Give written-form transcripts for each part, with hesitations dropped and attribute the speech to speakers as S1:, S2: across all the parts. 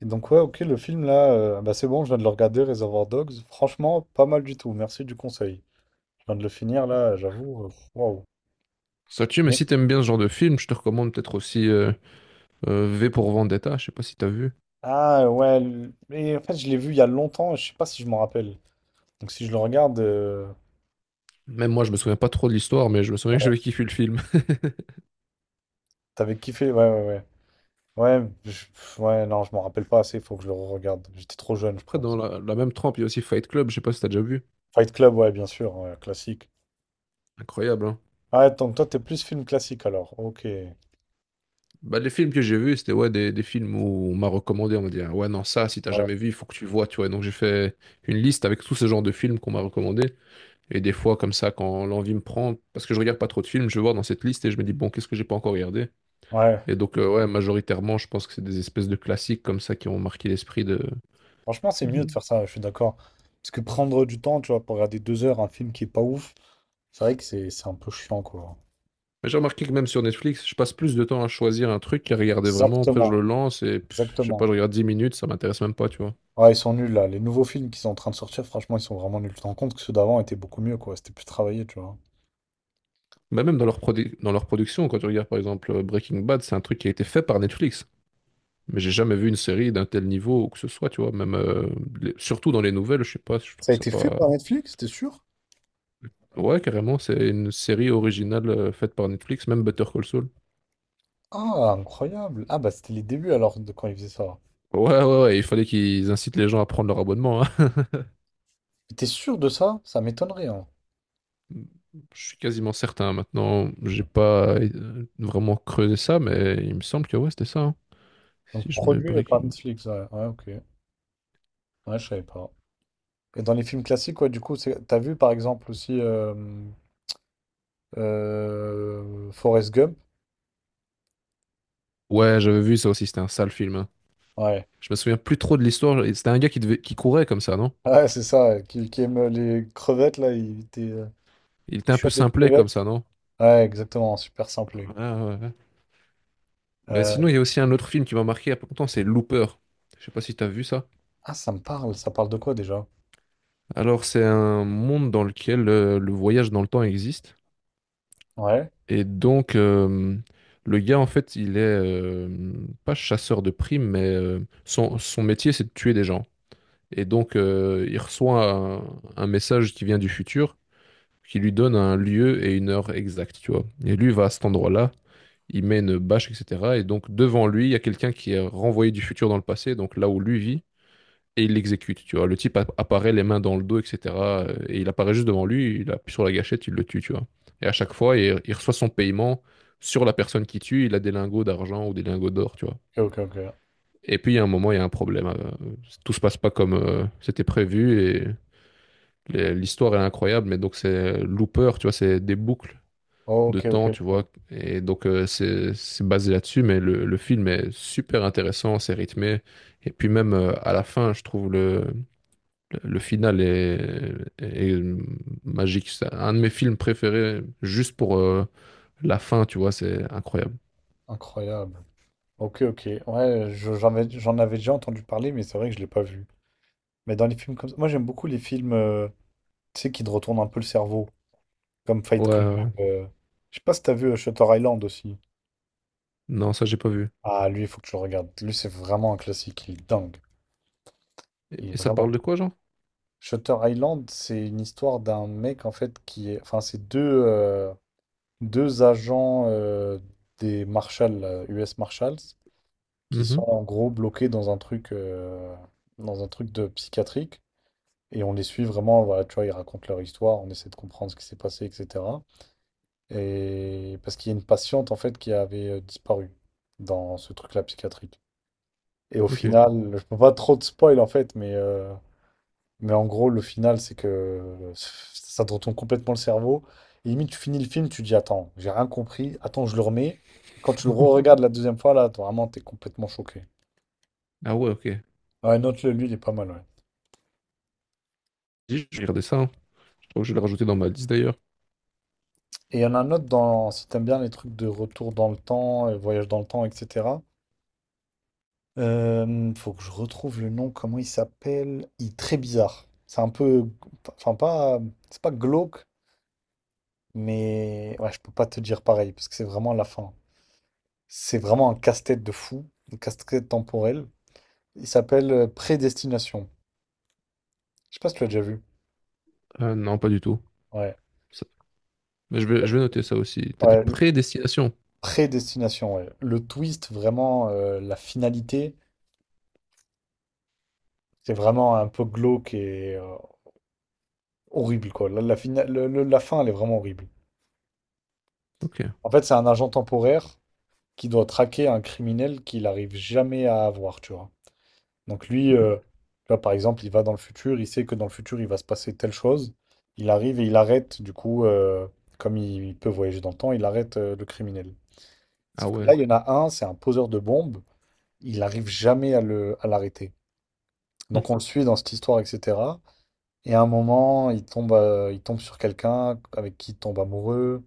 S1: Et donc ouais, ok, le film là, bah c'est bon, je viens de le regarder, Reservoir Dogs. Franchement, pas mal du tout. Merci du conseil. Je viens de le finir là, j'avoue. Waouh.
S2: Ça tue, mais si
S1: Mais-
S2: t'aimes bien ce genre de film, je te recommande peut-être aussi V pour Vendetta, je sais pas si t'as vu.
S1: Ah ouais, mais en fait, je l'ai vu il y a longtemps, je sais pas si je m'en rappelle. Donc si je le regarde,
S2: Même moi, je me souviens pas trop de l'histoire, mais je me souviens que j'avais
S1: ouais,
S2: kiffé le film.
S1: t'avais kiffé, ouais, ouais, ouais. Ouais, ouais, non, je m'en rappelle pas assez, faut que je le regarde. J'étais trop jeune, je
S2: Après, dans
S1: pense.
S2: la même trempe, il y a aussi Fight Club, je sais pas si t'as déjà vu.
S1: Fight Club, ouais, bien sûr, ouais, classique.
S2: Incroyable, hein.
S1: Ah, donc toi, t'es plus film classique alors. Ok.
S2: Bah, les films que j'ai vus, c'était ouais, des films où on m'a recommandé, on m'a dit, ah ouais, non, ça, si t'as
S1: Ouais.
S2: jamais vu, il faut que tu vois, tu vois. Et donc j'ai fait une liste avec tous ces genres de films qu'on m'a recommandés. Et des fois, comme ça, quand l'envie me prend, parce que je regarde pas trop de films, je vais voir dans cette liste et je me dis, bon, qu'est-ce que j'ai pas encore regardé?
S1: Ouais,
S2: Et donc, ouais, majoritairement, je pense que c'est des espèces de classiques comme ça qui ont marqué l'esprit de...
S1: franchement, c'est mieux de faire
S2: de-
S1: ça, je suis d'accord. Parce que prendre du temps, tu vois, pour regarder 2 heures un film qui est pas ouf, c'est vrai que c'est un peu chiant, quoi.
S2: Mais j'ai remarqué que même sur Netflix, je passe plus de temps à choisir un truc qu'à regarder vraiment. Après, je
S1: Exactement,
S2: le lance et pff, je sais pas,
S1: exactement.
S2: je regarde 10 minutes, ça m'intéresse même pas, tu vois.
S1: Ouais, ils sont nuls, là. Les nouveaux films qui sont en train de sortir, franchement, ils sont vraiment nuls. Tu te rends compte que ceux d'avant étaient beaucoup mieux, quoi. C'était plus travaillé, tu vois.
S2: Mais même dans leur dans leur production, quand tu regardes par exemple Breaking Bad, c'est un truc qui a été fait par Netflix. Mais j'ai jamais vu une série d'un tel niveau ou que ce soit, tu vois. Même, surtout dans les nouvelles, je sais pas, je
S1: Ça
S2: trouve
S1: a
S2: ça
S1: été fait
S2: pas...
S1: par Netflix, t'es sûr?
S2: Ouais, carrément, c'est une série originale faite par Netflix, même Better Call Saul.
S1: Ah, incroyable. Ah, bah, c'était les débuts, alors, de quand ils faisaient ça.
S2: Ouais, ouais, ouais, ouais, il fallait qu'ils incitent les gens à prendre leur abonnement, hein.
S1: T'es sûr de ça? Ça m'étonnerait, hein.
S2: Je suis quasiment certain. Maintenant, j'ai pas vraiment creusé ça, mais il me semble que ouais, c'était ça, hein.
S1: Donc
S2: Si je mets
S1: produit par
S2: Breaking.
S1: Netflix, ouais. Ouais, ok. Ouais, je savais pas. Et dans les films classiques, ouais, du coup, c'est, t'as vu par exemple aussi Forrest Gump?
S2: Ouais, j'avais vu ça aussi, c'était un sale film, hein.
S1: Ouais.
S2: Je me souviens plus trop de l'histoire. C'était un gars qui, devait... qui courait comme ça, non?
S1: Ouais, c'est ça, ouais, qui aime les crevettes, là, il était
S2: Il était un peu
S1: pêcheur de
S2: simplet comme
S1: crevettes.
S2: ça, non?
S1: Ouais, exactement, super simplé.
S2: Ouais, ouais, ouais. Ben,
S1: Euh,
S2: sinon, il y a aussi un autre film qui m'a marqué il y a pas longtemps, c'est Looper. Je sais pas si t'as vu ça.
S1: Ah, ça me parle, ça parle de quoi déjà?
S2: Alors, c'est un monde dans lequel le voyage dans le temps existe.
S1: Ouais.
S2: Et donc, le gars, en fait, il est pas chasseur de primes, mais son métier, c'est de tuer des gens. Et donc, il reçoit un message qui vient du futur, qui lui donne un lieu et une heure exacte, tu vois. Et lui va à cet endroit-là, il met une bâche, etc. Et donc, devant lui, il y a quelqu'un qui est renvoyé du futur dans le passé, donc là où lui vit et il l'exécute, tu vois. Le type apparaît les mains dans le dos, etc. Et il apparaît juste devant lui, il appuie sur la gâchette, il le tue, tu vois. Et à chaque fois, il reçoit son paiement sur la personne qui tue, il a des lingots d'argent ou des lingots d'or, tu vois.
S1: Ok, ok, ok.
S2: Et puis, il y a un moment, il y a un problème. Tout se passe pas comme c'était prévu et l'histoire est incroyable, mais donc c'est looper, tu vois, c'est des boucles
S1: Ok,
S2: de
S1: ok.
S2: temps, tu
S1: Bon.
S2: vois. Et donc, c'est basé là-dessus, mais le film est super intéressant, c'est rythmé. Et puis même à la fin, je trouve le final est, est magique. C'est un de mes films préférés, juste pour la fin, tu vois, c'est incroyable.
S1: Incroyable. Ok, ok. Ouais, j'en avais déjà entendu parler, mais c'est vrai que je l'ai pas vu. Mais dans les films comme ça, moi j'aime beaucoup les films, tu sais, qui te retournent un peu le cerveau, comme
S2: Ouais,
S1: Fight Club.
S2: ouais.
S1: euh, Je sais pas si t'as vu Shutter Island aussi.
S2: Non, ça, j'ai pas vu.
S1: Ah, lui, il faut que tu le regardes. Lui, c'est vraiment un classique, il est dingue. Il est
S2: Et ça
S1: vraiment.
S2: parle de quoi, genre?
S1: Shutter Island, c'est une histoire d'un mec, en fait, qui est. Enfin, c'est euh, deux agents des Marshals, US Marshals, qui sont
S2: Mhm.
S1: en gros bloqués dans un truc de psychiatrique. Et on les suit vraiment, voilà, tu vois, ils racontent leur histoire, on essaie de comprendre ce qui s'est passé, etc. Et parce qu'il y a une patiente en fait qui avait disparu dans ce truc-là psychiatrique. Et au
S2: Ok.
S1: final, je peux pas trop de spoil en fait, mais en gros, le final, c'est que ça te retourne complètement le cerveau. Et limite, tu finis le film, tu dis, attends, j'ai rien compris, attends, je le remets. Quand tu le re-regardes la deuxième fois, là, vraiment, t'es complètement choqué.
S2: Ah ouais, ok.
S1: Ouais, note-le, lui, il est pas mal, ouais.
S2: Dis, je vais regarder ça, hein. Je crois que je vais le rajouter dans ma liste d'ailleurs.
S1: Et il y en a un autre dans, si t'aimes bien les trucs de retour dans le temps, voyage dans le temps, etc. Faut que je retrouve le nom, comment il s'appelle? Il est très bizarre. C'est un peu, enfin pas, c'est pas glauque, mais ouais, je peux pas te dire pareil parce que c'est vraiment la fin. C'est vraiment un casse-tête de fou, un casse-tête temporel. Il s'appelle Prédestination. Je sais pas si tu l'as déjà vu.
S2: Non, pas du tout.
S1: Ouais,
S2: Ça- Mais je vais noter ça aussi. T'as dit
S1: ouais,
S2: prédestination.
S1: Prédestination. Ouais. Le twist, vraiment la finalité, c'est vraiment un peu glauque et horrible quoi. La fin, elle est vraiment horrible.
S2: Ok.
S1: En fait, c'est un agent temporaire qui doit traquer un criminel qu'il n'arrive jamais à avoir, tu vois. Donc lui,
S2: Mhm.
S1: tu vois, par exemple, il va dans le futur, il sait que dans le futur, il va se passer telle chose. Il arrive et il arrête, du coup, comme il peut voyager dans le temps, il arrête le criminel.
S2: Ah
S1: Sauf que là,
S2: ouais.
S1: il y en a un, c'est un poseur de bombes, il n'arrive jamais à l'arrêter.
S2: Hmm.
S1: Donc on le suit dans cette histoire, etc. Et à un moment, il tombe sur quelqu'un avec qui il tombe amoureux.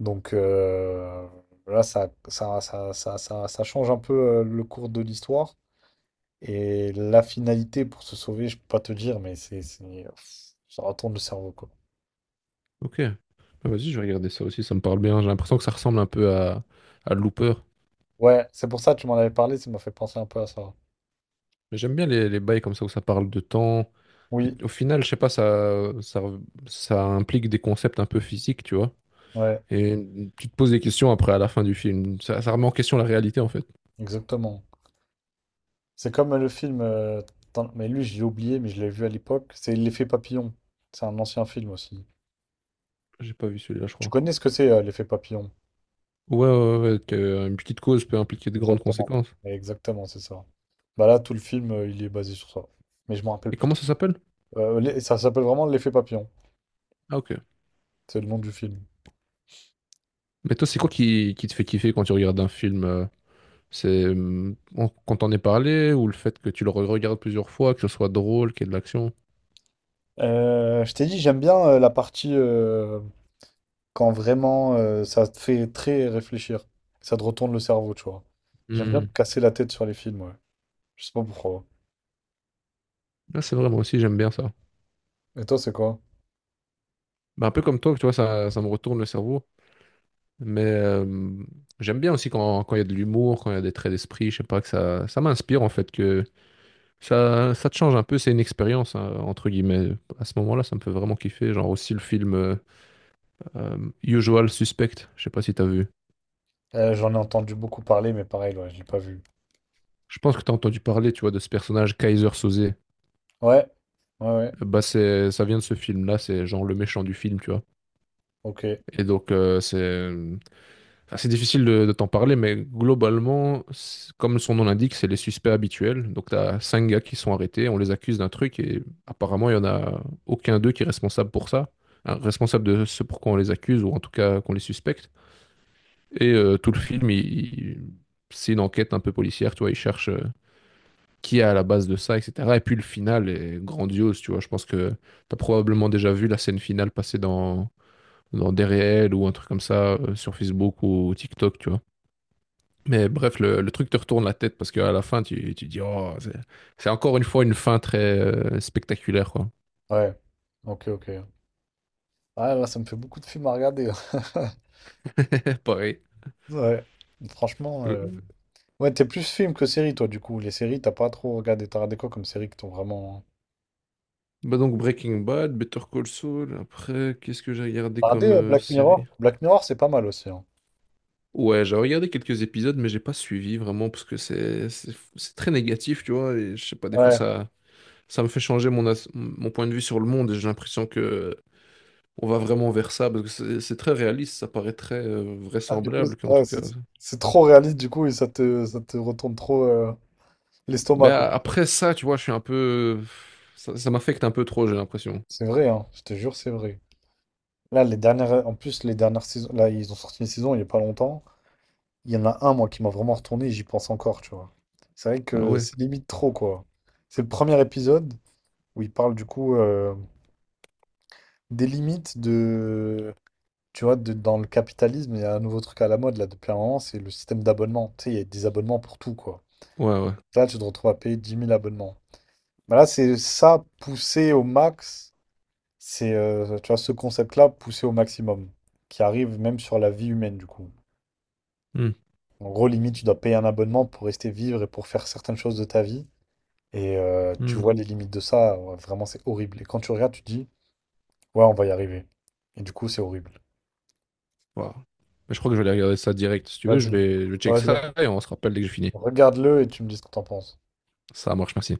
S1: Donc là, ça change un peu le cours de l'histoire. Et la finalité pour se sauver, je peux pas te dire, mais ça retourne le cerveau, quoi.
S2: Ok. Bah, vas-y, je vais regarder ça aussi. Ça me parle bien. J'ai l'impression que ça ressemble un peu à Looper.
S1: Ouais, c'est pour ça que tu m'en avais parlé, ça m'a fait penser un peu à ça.
S2: Mais j'aime bien les bails comme ça où ça parle de temps. Et
S1: Oui,
S2: au final, je sais pas, ça implique des concepts un peu physiques, tu vois.
S1: ouais,
S2: Et tu te poses des questions après à la fin du film. Ça remet en question la réalité, en fait.
S1: exactement. C'est comme le film, mais lui, j'ai oublié, mais je l'ai vu à l'époque. C'est L'effet papillon. C'est un ancien film aussi.
S2: J'ai pas vu celui-là, je
S1: Tu
S2: crois.
S1: connais ce que c'est, l'effet papillon?
S2: Ouais, ouais, ouais, qu'une petite cause peut impliquer de grandes
S1: Exactement.
S2: conséquences.
S1: Exactement, c'est ça. Bah là, tout le film, il est basé sur ça. Mais je me rappelle
S2: Et
S1: plus.
S2: comment ça s'appelle?
S1: Ça s'appelle vraiment L'effet papillon.
S2: Ah, ok.
S1: C'est le nom du film.
S2: Mais toi, c'est quoi qui te fait kiffer quand tu regardes un film? C'est quand t'en est parlé ou le fait que tu le regardes plusieurs fois, que ce soit drôle, qu'il y ait de l'action?
S1: Je t'ai dit, j'aime bien la partie quand vraiment ça te fait très réfléchir. Ça te retourne le cerveau, tu vois. J'aime bien me
S2: Hmm.
S1: casser la tête sur les films, ouais. Je sais pas pourquoi.
S2: Ah, c'est vrai, moi aussi, j'aime bien ça.
S1: Et toi, c'est quoi?
S2: Bah, un peu comme toi, tu vois, ça me retourne le cerveau. Mais j'aime bien aussi quand, quand il y a de l'humour, quand il y a des traits d'esprit, je sais pas, que ça m'inspire en fait, que ça te change un peu, c'est une expérience, hein, entre guillemets. À ce moment-là, ça me fait vraiment kiffer. Genre aussi le film euh, Usual Suspect, je sais pas si t'as vu.
S1: J'en ai entendu beaucoup parler, mais pareil, ouais, je l'ai pas vu.
S2: Je pense que t'as entendu parler, tu vois, de ce personnage Kaiser Soze.
S1: Ouais, ouais, ouais.
S2: Bah c'est, ça vient de ce film-là, c'est genre le méchant du film, tu vois.
S1: Ok,
S2: Et donc enfin, c'est difficile de t'en parler, mais globalement, c'est- comme son nom l'indique, c'est les suspects habituels. Donc, tu as cinq gars qui sont arrêtés, on les accuse d'un truc, et apparemment, il n'y en a aucun d'eux qui est responsable pour ça, hein, responsable de ce pourquoi on les accuse, ou en tout cas qu'on les suspecte. Et tout le film, il- c'est une enquête un peu policière, tu vois, il cherche qui est à la base de ça, etc. Et puis, le final est grandiose, tu vois. Je pense que tu as probablement déjà vu la scène finale passer dans des réels ou un truc comme ça, sur Facebook ou TikTok, tu vois. Mais bref, le truc te retourne la tête parce qu'à la fin, tu dis, oh, c'est encore une fois une fin très spectaculaire, quoi.
S1: ouais. Ok, ok. Ah, là, ça me fait beaucoup de films à regarder.
S2: C'est pareil.
S1: Ouais. Franchement,
S2: Euh,
S1: ouais, t'es plus film que série, toi, du coup. Les séries, t'as pas trop regardé. T'as regardé quoi comme série qui t'ont vraiment.
S2: Bah donc Breaking Bad, Better Call Saul, après, qu'est-ce que j'ai regardé
S1: Regardez
S2: comme
S1: Black Mirror.
S2: série?
S1: Black Mirror, c'est pas mal aussi, hein.
S2: Ouais, j'ai regardé quelques épisodes, mais j'ai pas suivi vraiment parce que c'est très négatif, tu vois, et je sais pas, des fois
S1: Ouais.
S2: ça me fait changer mon mon point de vue sur le monde et j'ai l'impression que on va vraiment vers ça parce que c'est très réaliste, ça paraît très
S1: Ah, du coup,
S2: vraisemblable
S1: c'est
S2: qu'en
S1: ouais,
S2: tout cas
S1: c'est trop réaliste, du coup, et ça te retourne trop
S2: mais
S1: l'estomac, quoi.
S2: après ça, tu vois, je suis un peu. Ça m'affecte un peu trop, j'ai l'impression.
S1: C'est vrai, hein, je te jure, c'est vrai. Là, les dernières, en plus, les dernières saisons, là, ils ont sorti une saison il n'y a pas longtemps. Il y en a un, moi, qui m'a vraiment retourné et j'y pense encore, tu vois. C'est vrai
S2: Ah
S1: que
S2: ouais?
S1: c'est limite trop, quoi. C'est le premier épisode où il parle, du coup, des limites de. Tu vois, dans le capitalisme, il y a un nouveau truc à la mode, là, depuis un moment, c'est le système d'abonnement. Tu sais, il y a des abonnements pour tout, quoi.
S2: Ouais, ouais.
S1: Là, tu te retrouves à payer 10 000 abonnements. Bah là, c'est ça poussé au max. Tu vois, ce concept-là poussé au maximum, qui arrive même sur la vie humaine, du coup.
S2: Hmm,
S1: En gros, limite, tu dois payer un abonnement pour rester vivre et pour faire certaines choses de ta vie. Et tu
S2: hmm.
S1: vois les limites de ça, ouais, vraiment, c'est horrible. Et quand tu regardes, tu te dis, ouais, on va y arriver. Et du coup, c'est horrible.
S2: Wow. Mais je crois que je vais aller regarder ça direct. Si tu veux,
S1: Vas-y,
S2: je vais
S1: on
S2: check
S1: va dire,
S2: ça et on se rappelle dès que j'ai fini.
S1: regarde-le et tu me dis ce que t'en penses.
S2: Ça marche, merci.